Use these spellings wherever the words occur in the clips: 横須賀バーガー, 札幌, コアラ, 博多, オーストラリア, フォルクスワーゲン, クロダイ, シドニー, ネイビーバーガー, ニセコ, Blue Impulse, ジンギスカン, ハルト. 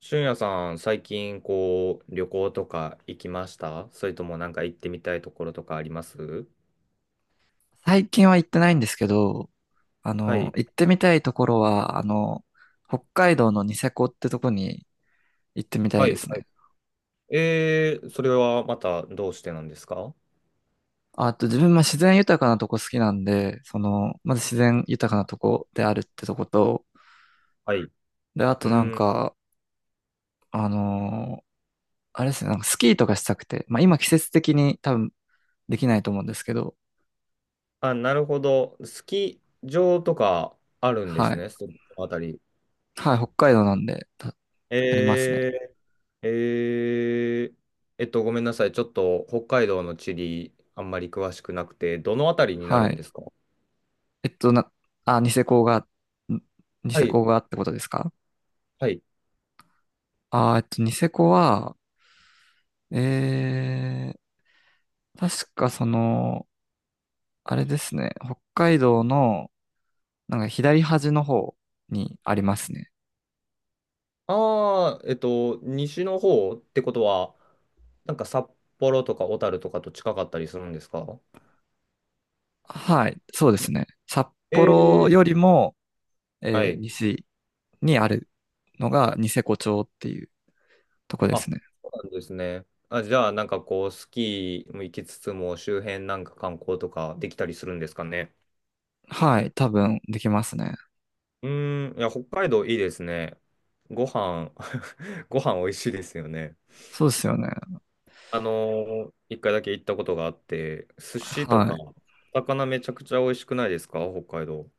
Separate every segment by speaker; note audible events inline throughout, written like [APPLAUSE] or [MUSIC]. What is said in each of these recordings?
Speaker 1: 俊也さん、最近こう旅行とか行きました？それともなんか行ってみたいところとかあります？
Speaker 2: 最近は行ってないんですけど、
Speaker 1: はい。
Speaker 2: 行ってみたいところは、北海道のニセコってとこに行ってみた
Speaker 1: は
Speaker 2: いで
Speaker 1: い。
Speaker 2: す
Speaker 1: はい。
Speaker 2: ね。
Speaker 1: それはまたどうしてなんですか？
Speaker 2: あと自分、まあ、自然豊かなとこ好きなんで、まず自然豊かなとこであるってとこと、
Speaker 1: はい。
Speaker 2: で、あ
Speaker 1: う
Speaker 2: となん
Speaker 1: ん。
Speaker 2: か、あのーあれですね、なんかスキーとかしたくて、まあ今季節的に多分できないと思うんですけど、
Speaker 1: あ、なるほど。スキー場とかあるんで
Speaker 2: は
Speaker 1: す
Speaker 2: い。
Speaker 1: ね、そのあたり。
Speaker 2: はい、北海道なんで、ありますね。
Speaker 1: えー、えー、ごめんなさい。ちょっと北海道の地理あんまり詳しくなくて、どのあたりにな
Speaker 2: は
Speaker 1: るん
Speaker 2: い。
Speaker 1: ですか？
Speaker 2: えっと、な、あ、んニ
Speaker 1: は
Speaker 2: セ
Speaker 1: い。
Speaker 2: コがってことですか？
Speaker 1: はい。
Speaker 2: ニセコは、え確かあれですね、北海道の、なんか左端の方にありますね。
Speaker 1: ああ、西の方ってことは、なんか札幌とか小樽とかと近かったりするんですか？
Speaker 2: はい、そうですね。札幌
Speaker 1: え
Speaker 2: よ
Speaker 1: え、
Speaker 2: りも、
Speaker 1: はい。
Speaker 2: 西にあるのがニセコ町っていうとこです
Speaker 1: あ、
Speaker 2: ね。
Speaker 1: そうなんですね。あ、じゃあ、なんかこう、スキーも行きつつも、周辺なんか観光とかできたりするんですかね。
Speaker 2: はい、多分できますね。
Speaker 1: うーん、いや、北海道いいですね。ご飯、[LAUGHS] ご飯美味しいですよね。
Speaker 2: そうですよね。
Speaker 1: あの一回だけ行ったことがあって、寿司と
Speaker 2: は
Speaker 1: か、
Speaker 2: い。
Speaker 1: 魚めちゃくちゃ美味しくないですか、北海道。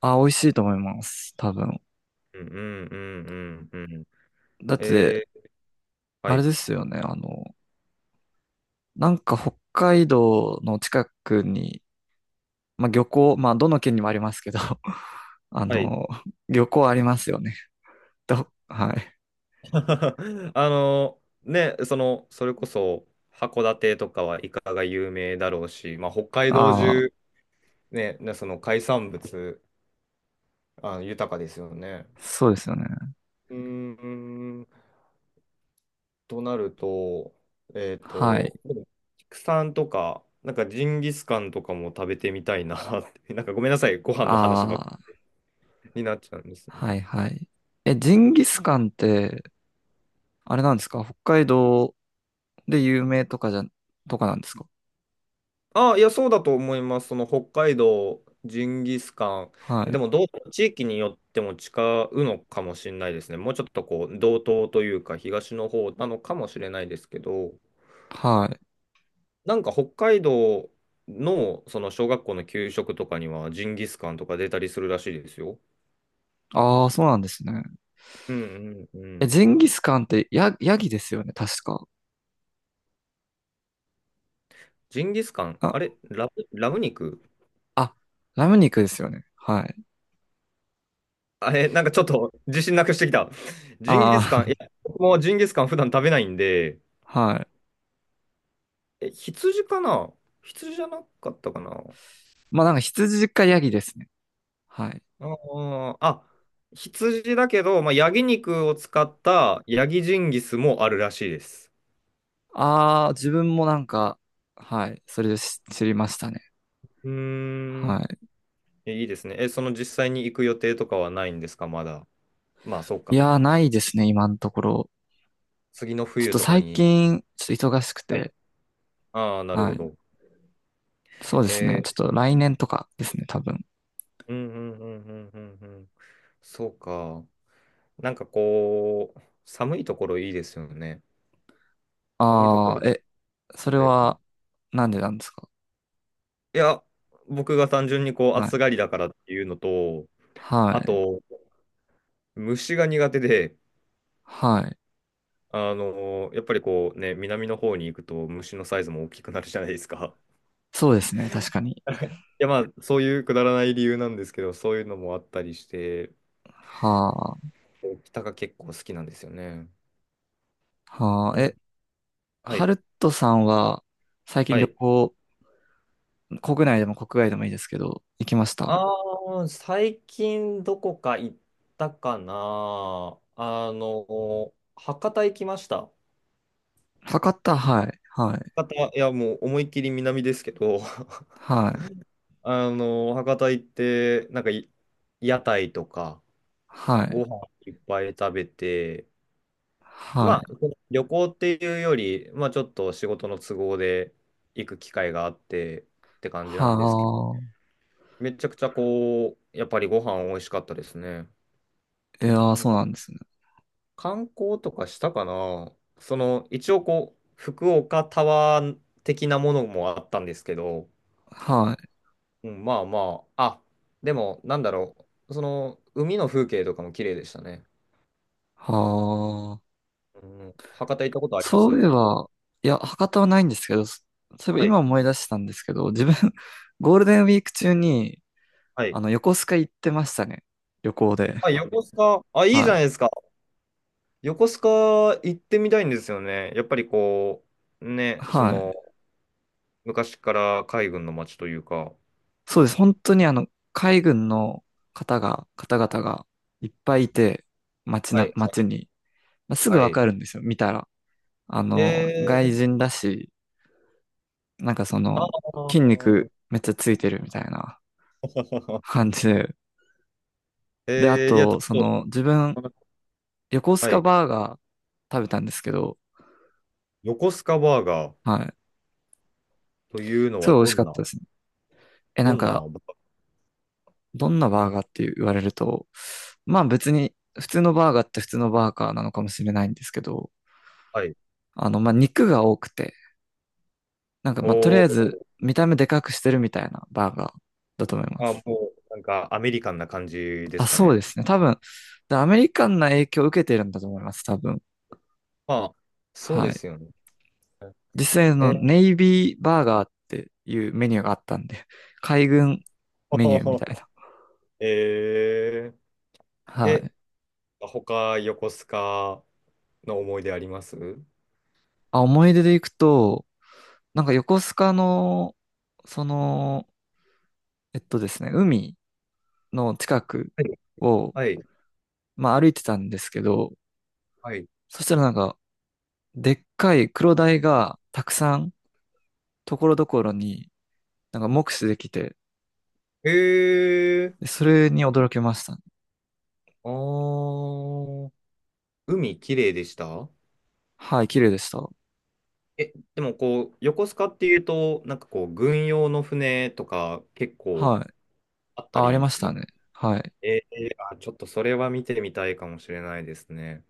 Speaker 2: あ、美味しいと思います。多分。
Speaker 1: うんうんうんうんうん。
Speaker 2: だって、
Speaker 1: えー、
Speaker 2: あ
Speaker 1: は
Speaker 2: れ
Speaker 1: い。
Speaker 2: ですよね。なんか北海道の近くにまあ、漁港、まあ、どの県にもありますけど、[LAUGHS] あ
Speaker 1: はい。
Speaker 2: の、漁港ありますよね。はい。
Speaker 1: [LAUGHS] ね、それこそ、函館とかはイカが有名だろうし、まあ、北海道
Speaker 2: ああ、
Speaker 1: 中、ね、その海産物、あ、豊かですよね。
Speaker 2: そうですよね。
Speaker 1: うーん、となると、
Speaker 2: はい。
Speaker 1: でも畜産とか、なんかジンギスカンとかも食べてみたいなって、[LAUGHS] なんかごめんなさい、ご飯の話ばっか
Speaker 2: ああ、
Speaker 1: りになっちゃうんです
Speaker 2: は
Speaker 1: ね。
Speaker 2: いはい。え、ジンギスカンって、あれなんですか？北海道で有名とかじゃ、とかなんですか？
Speaker 1: ああ、いや、そうだと思います。その北海道、ジンギスカン。
Speaker 2: は
Speaker 1: で
Speaker 2: い。
Speaker 1: も、地域によっても違うのかもしれないですね。もうちょっとこう、道東というか、東の方なのかもしれないですけど、
Speaker 2: はい。
Speaker 1: なんか北海道の、その小学校の給食とかには、ジンギスカンとか出たりするらしいですよ。
Speaker 2: ああ、そうなんですね。
Speaker 1: うんうんう
Speaker 2: え、
Speaker 1: ん。
Speaker 2: ジンギスカンってヤギですよね、確か。
Speaker 1: ジンギスカン、あ
Speaker 2: あ、
Speaker 1: れ、ラム肉。
Speaker 2: あ、ラム肉ですよね。はい。
Speaker 1: [LAUGHS] あれ、なんかちょっと自信なくしてきた。ジン
Speaker 2: あ
Speaker 1: ギスカン、いや、僕もジンギスカン普段食べないんで、
Speaker 2: あ、[LAUGHS] はい。
Speaker 1: え、羊かな？羊じゃなかったかな？
Speaker 2: まあなんか羊かヤギですね。はい。
Speaker 1: あーあ、羊だけど、まあ、ヤギ肉を使ったヤギジンギスもあるらしいです。
Speaker 2: ああ、自分もなんか、はい、それで知りましたね。
Speaker 1: うー
Speaker 2: は
Speaker 1: ん。いいですね。え、その実際に行く予定とかはないんですか、まだ。まあ、そう
Speaker 2: い。
Speaker 1: か。
Speaker 2: いやー、ない
Speaker 1: つ
Speaker 2: ですね、今のところ。
Speaker 1: 次の
Speaker 2: ちょっ
Speaker 1: 冬
Speaker 2: と
Speaker 1: とか
Speaker 2: 最
Speaker 1: に。
Speaker 2: 近、ちょっと忙しく
Speaker 1: はい。
Speaker 2: て、
Speaker 1: ああ、なる
Speaker 2: は
Speaker 1: ほ
Speaker 2: い。
Speaker 1: ど。
Speaker 2: そうで
Speaker 1: え
Speaker 2: すね、ちょっ
Speaker 1: ー、
Speaker 2: と来年とかですね、多分。
Speaker 1: うんうんうんうんうんうん。そうか。なんかこう、寒いところいいですよね。寒いとこ
Speaker 2: あ
Speaker 1: ろ、
Speaker 2: あ、え、それは、なんでなんですか？
Speaker 1: いや、僕が単純にこう
Speaker 2: は
Speaker 1: 暑
Speaker 2: い。
Speaker 1: がりだからっていうのと、
Speaker 2: は
Speaker 1: あ
Speaker 2: い。
Speaker 1: と、虫が苦手で、
Speaker 2: はい。
Speaker 1: やっぱりこうね、南の方に行くと虫のサイズも大きくなるじゃないですか。
Speaker 2: そうですね、確かに。
Speaker 1: [LAUGHS] いや、まあ、そういうくだらない理由なんですけど、そういうのもあったりして、
Speaker 2: は
Speaker 1: 北が結構好きなんですよね。
Speaker 2: あ、は
Speaker 1: う
Speaker 2: あ、
Speaker 1: ん、
Speaker 2: え、
Speaker 1: は
Speaker 2: ハ
Speaker 1: い。
Speaker 2: ルトさんは、最近
Speaker 1: は
Speaker 2: 旅
Speaker 1: い。
Speaker 2: 行、国内でも国外でもいいですけど、行きました？
Speaker 1: ああ、最近どこか行ったかな。博多行きました。
Speaker 2: 博多、はい、はい、
Speaker 1: 博多、いや、もう思いっきり南ですけど、
Speaker 2: はい、
Speaker 1: 博多行って、なんかい、屋台とか、
Speaker 2: はい。
Speaker 1: ご飯いっぱい食べて、
Speaker 2: は
Speaker 1: まあ、
Speaker 2: い。
Speaker 1: 旅行っていうより、まあ、ちょっと仕事の都合で行く機会があってって感じなんですけど、
Speaker 2: は
Speaker 1: めちゃくちゃこう、やっぱりご飯美味しかったですね。
Speaker 2: あ。いやー、
Speaker 1: なん
Speaker 2: そう
Speaker 1: か、
Speaker 2: なんですね。
Speaker 1: 観光とかしたかな。その、一応こう、福岡タワー的なものもあったんですけど、
Speaker 2: はい。
Speaker 1: うん、まあまあ、あ、でも、なんだろう、その、海の風景とかも綺麗でしたね。
Speaker 2: はあ。
Speaker 1: うん、博多行ったことありま
Speaker 2: そ
Speaker 1: す？
Speaker 2: ういえば、いや、博多はないんですけど、そそういえ
Speaker 1: は
Speaker 2: ば今
Speaker 1: い。
Speaker 2: 思い出したんですけど、自分、[LAUGHS] ゴールデンウィーク中に、
Speaker 1: はい。
Speaker 2: 横須賀行ってましたね。旅行で。
Speaker 1: あ、横須賀、あ、いいじ
Speaker 2: は
Speaker 1: ゃな
Speaker 2: い。
Speaker 1: いですか。横須賀行ってみたいんですよね。やっぱりこう、ね、そ
Speaker 2: はい。
Speaker 1: の、昔から海軍の街というか。
Speaker 2: そうです。本当に海軍の方々がいっぱいいて、
Speaker 1: はい、は
Speaker 2: 街
Speaker 1: い、
Speaker 2: に。まあ、すぐ
Speaker 1: は
Speaker 2: わ
Speaker 1: い。
Speaker 2: かるんですよ。見たら。
Speaker 1: え
Speaker 2: 外
Speaker 1: ー、
Speaker 2: 人だし、なんか
Speaker 1: あ
Speaker 2: 筋肉
Speaker 1: ー
Speaker 2: めっちゃついてるみたいな
Speaker 1: [LAUGHS]
Speaker 2: 感じで。で、あ
Speaker 1: いや、ち
Speaker 2: と、
Speaker 1: ょっ
Speaker 2: 自分、
Speaker 1: と、
Speaker 2: 横須
Speaker 1: は
Speaker 2: 賀
Speaker 1: い。
Speaker 2: バーガー食べたんですけど、
Speaker 1: 横須賀バーガー
Speaker 2: はい。
Speaker 1: というの
Speaker 2: す
Speaker 1: は
Speaker 2: ごい美味
Speaker 1: ど
Speaker 2: しか
Speaker 1: ん
Speaker 2: っ
Speaker 1: な、
Speaker 2: たですね。え、
Speaker 1: ど
Speaker 2: なん
Speaker 1: んな、
Speaker 2: か、どんなバーガーって言われると、まあ別に、普通のバーガーって普通のバーガーなのかもしれないんですけど、
Speaker 1: はい。
Speaker 2: まあ肉が多くて、なんかまあとり
Speaker 1: お
Speaker 2: あえ
Speaker 1: ー
Speaker 2: ず見た目でかくしてるみたいなバーガーだと思いま
Speaker 1: あ、
Speaker 2: す。
Speaker 1: もう、なんか、アメリカンな感じで
Speaker 2: あ、
Speaker 1: すか
Speaker 2: そう
Speaker 1: ね。
Speaker 2: ですね。多分、でアメリカンな影響を受けてるんだと思います、多分。
Speaker 1: まあ、そう
Speaker 2: は
Speaker 1: で
Speaker 2: い。
Speaker 1: すよね。
Speaker 2: 実際の
Speaker 1: え、[LAUGHS]
Speaker 2: ネイビーバーガーっていうメニューがあったんで、海軍
Speaker 1: ほ
Speaker 2: メニ
Speaker 1: ほ
Speaker 2: ューみ
Speaker 1: ほ。
Speaker 2: たいな。
Speaker 1: えー、
Speaker 2: は
Speaker 1: え、
Speaker 2: い。
Speaker 1: 他、横須賀の思い出あります？は
Speaker 2: あ、思い出で行くと、なんか横須賀の、その、えっとですね、海の近く
Speaker 1: い、
Speaker 2: を、
Speaker 1: はい。
Speaker 2: まあ歩いてたんですけど、
Speaker 1: はい。
Speaker 2: そしたらなんか、でっかいクロダイがたくさん、ところどころに、なんか目視できて、
Speaker 1: え
Speaker 2: で
Speaker 1: ー、
Speaker 2: それに驚きましたね。
Speaker 1: あー、海綺麗でした？
Speaker 2: はい、綺麗でした。
Speaker 1: え、でもこう、横須賀っていうと、なんかこう、軍用の船とか結構
Speaker 2: はい。
Speaker 1: あった
Speaker 2: あ、ありま
Speaker 1: り
Speaker 2: し
Speaker 1: す
Speaker 2: た
Speaker 1: る。
Speaker 2: ね。はい。
Speaker 1: あ、ちょっとそれは見てみたいかもしれないですね。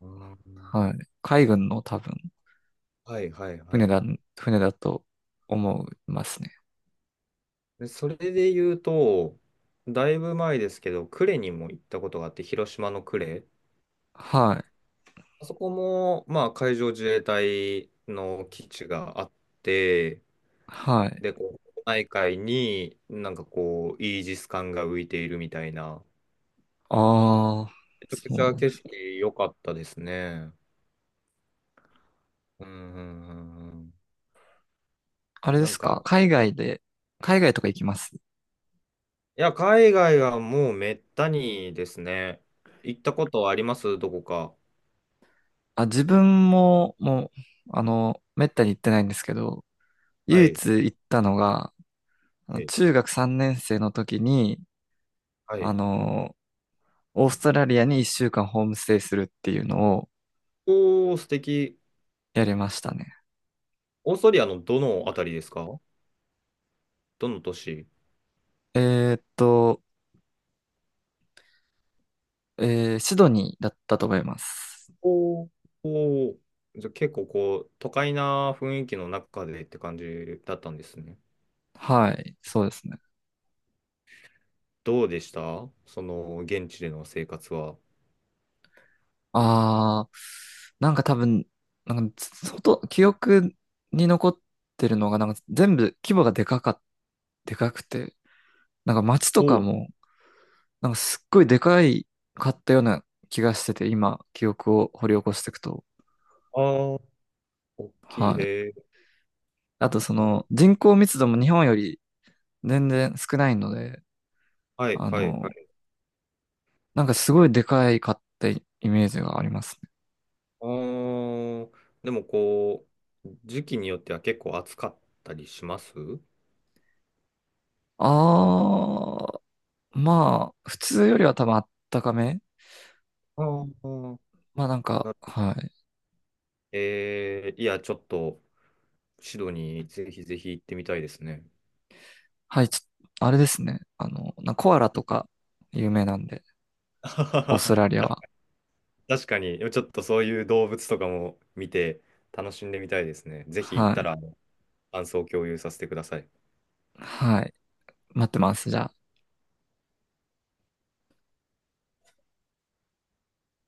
Speaker 1: うん。
Speaker 2: はい。海軍の多分。
Speaker 1: はいはいは
Speaker 2: 船
Speaker 1: い。
Speaker 2: だ、船だと思いますね。
Speaker 1: でそれで言うと、だいぶ前ですけど、呉にも行ったことがあって、広島の呉。
Speaker 2: はい。
Speaker 1: あそこも、まあ、海上自衛隊の基地があって、
Speaker 2: はい。
Speaker 1: で、こう、内海になんかこう、イージス艦が浮いているみたいな、
Speaker 2: ああ、
Speaker 1: めちゃく
Speaker 2: そう
Speaker 1: ちゃ
Speaker 2: なんで
Speaker 1: 景
Speaker 2: す。
Speaker 1: 色良かったですね。うんうんうんうん。
Speaker 2: あれで
Speaker 1: なん
Speaker 2: すか
Speaker 1: か、
Speaker 2: 海外で、海外とか行きます？
Speaker 1: いや、海外はもうめったにですね。行ったことあります？どこか。
Speaker 2: あ、自分も、もう、めったに行ってないんですけど、
Speaker 1: は
Speaker 2: 唯
Speaker 1: い。
Speaker 2: 一行ったのが、
Speaker 1: はい。
Speaker 2: 中学3年生の時に、
Speaker 1: は
Speaker 2: あ
Speaker 1: い。
Speaker 2: の、オーストラリアに1週間ホームステイするっていうのを
Speaker 1: おー、素敵。
Speaker 2: やりましたね。
Speaker 1: オーストリアのどのあたりですか？どの都市？
Speaker 2: えーっと、シドニーだったと思います。
Speaker 1: おーおー、じゃあ結構こう、都会な雰囲気の中でって感じだったんですね。
Speaker 2: はい、そうですね。
Speaker 1: どうでした、その、現地での生活は。
Speaker 2: ああ、なんか多分、なんか、記憶に残ってるのが、なんか全部規模がでかくて、なんか街
Speaker 1: お
Speaker 2: と
Speaker 1: う、
Speaker 2: かも、なんかすっごいでかいかったような気がしてて、今、記憶を掘り起こしていくと。
Speaker 1: ああ、大きい。
Speaker 2: はい。
Speaker 1: へえ、
Speaker 2: あと
Speaker 1: なるほど。
Speaker 2: 人口密度も日本より全然少ないので、
Speaker 1: はい、
Speaker 2: あ
Speaker 1: はい、は
Speaker 2: の、
Speaker 1: い。
Speaker 2: なんかすごいでかいかったイメージがありますね。
Speaker 1: あー、でもこう、時期によっては結構暑かったりします？
Speaker 2: ああ、まあ、普通よりは多分あったかめ。
Speaker 1: あー
Speaker 2: まあなんか、
Speaker 1: な
Speaker 2: はい。
Speaker 1: えー、いや、ちょっと、シドニー、ぜひぜひ行ってみたいですね。
Speaker 2: はい、あれですね。コアラとか有名なんで、オーストラ
Speaker 1: [LAUGHS]
Speaker 2: リアは。
Speaker 1: 確かに、ちょっとそういう動物とかも見て楽しんでみたいですね。ぜひ行っ
Speaker 2: は
Speaker 1: た
Speaker 2: い。
Speaker 1: ら、感想を共有させてください。
Speaker 2: はい。待ってます。じゃあ。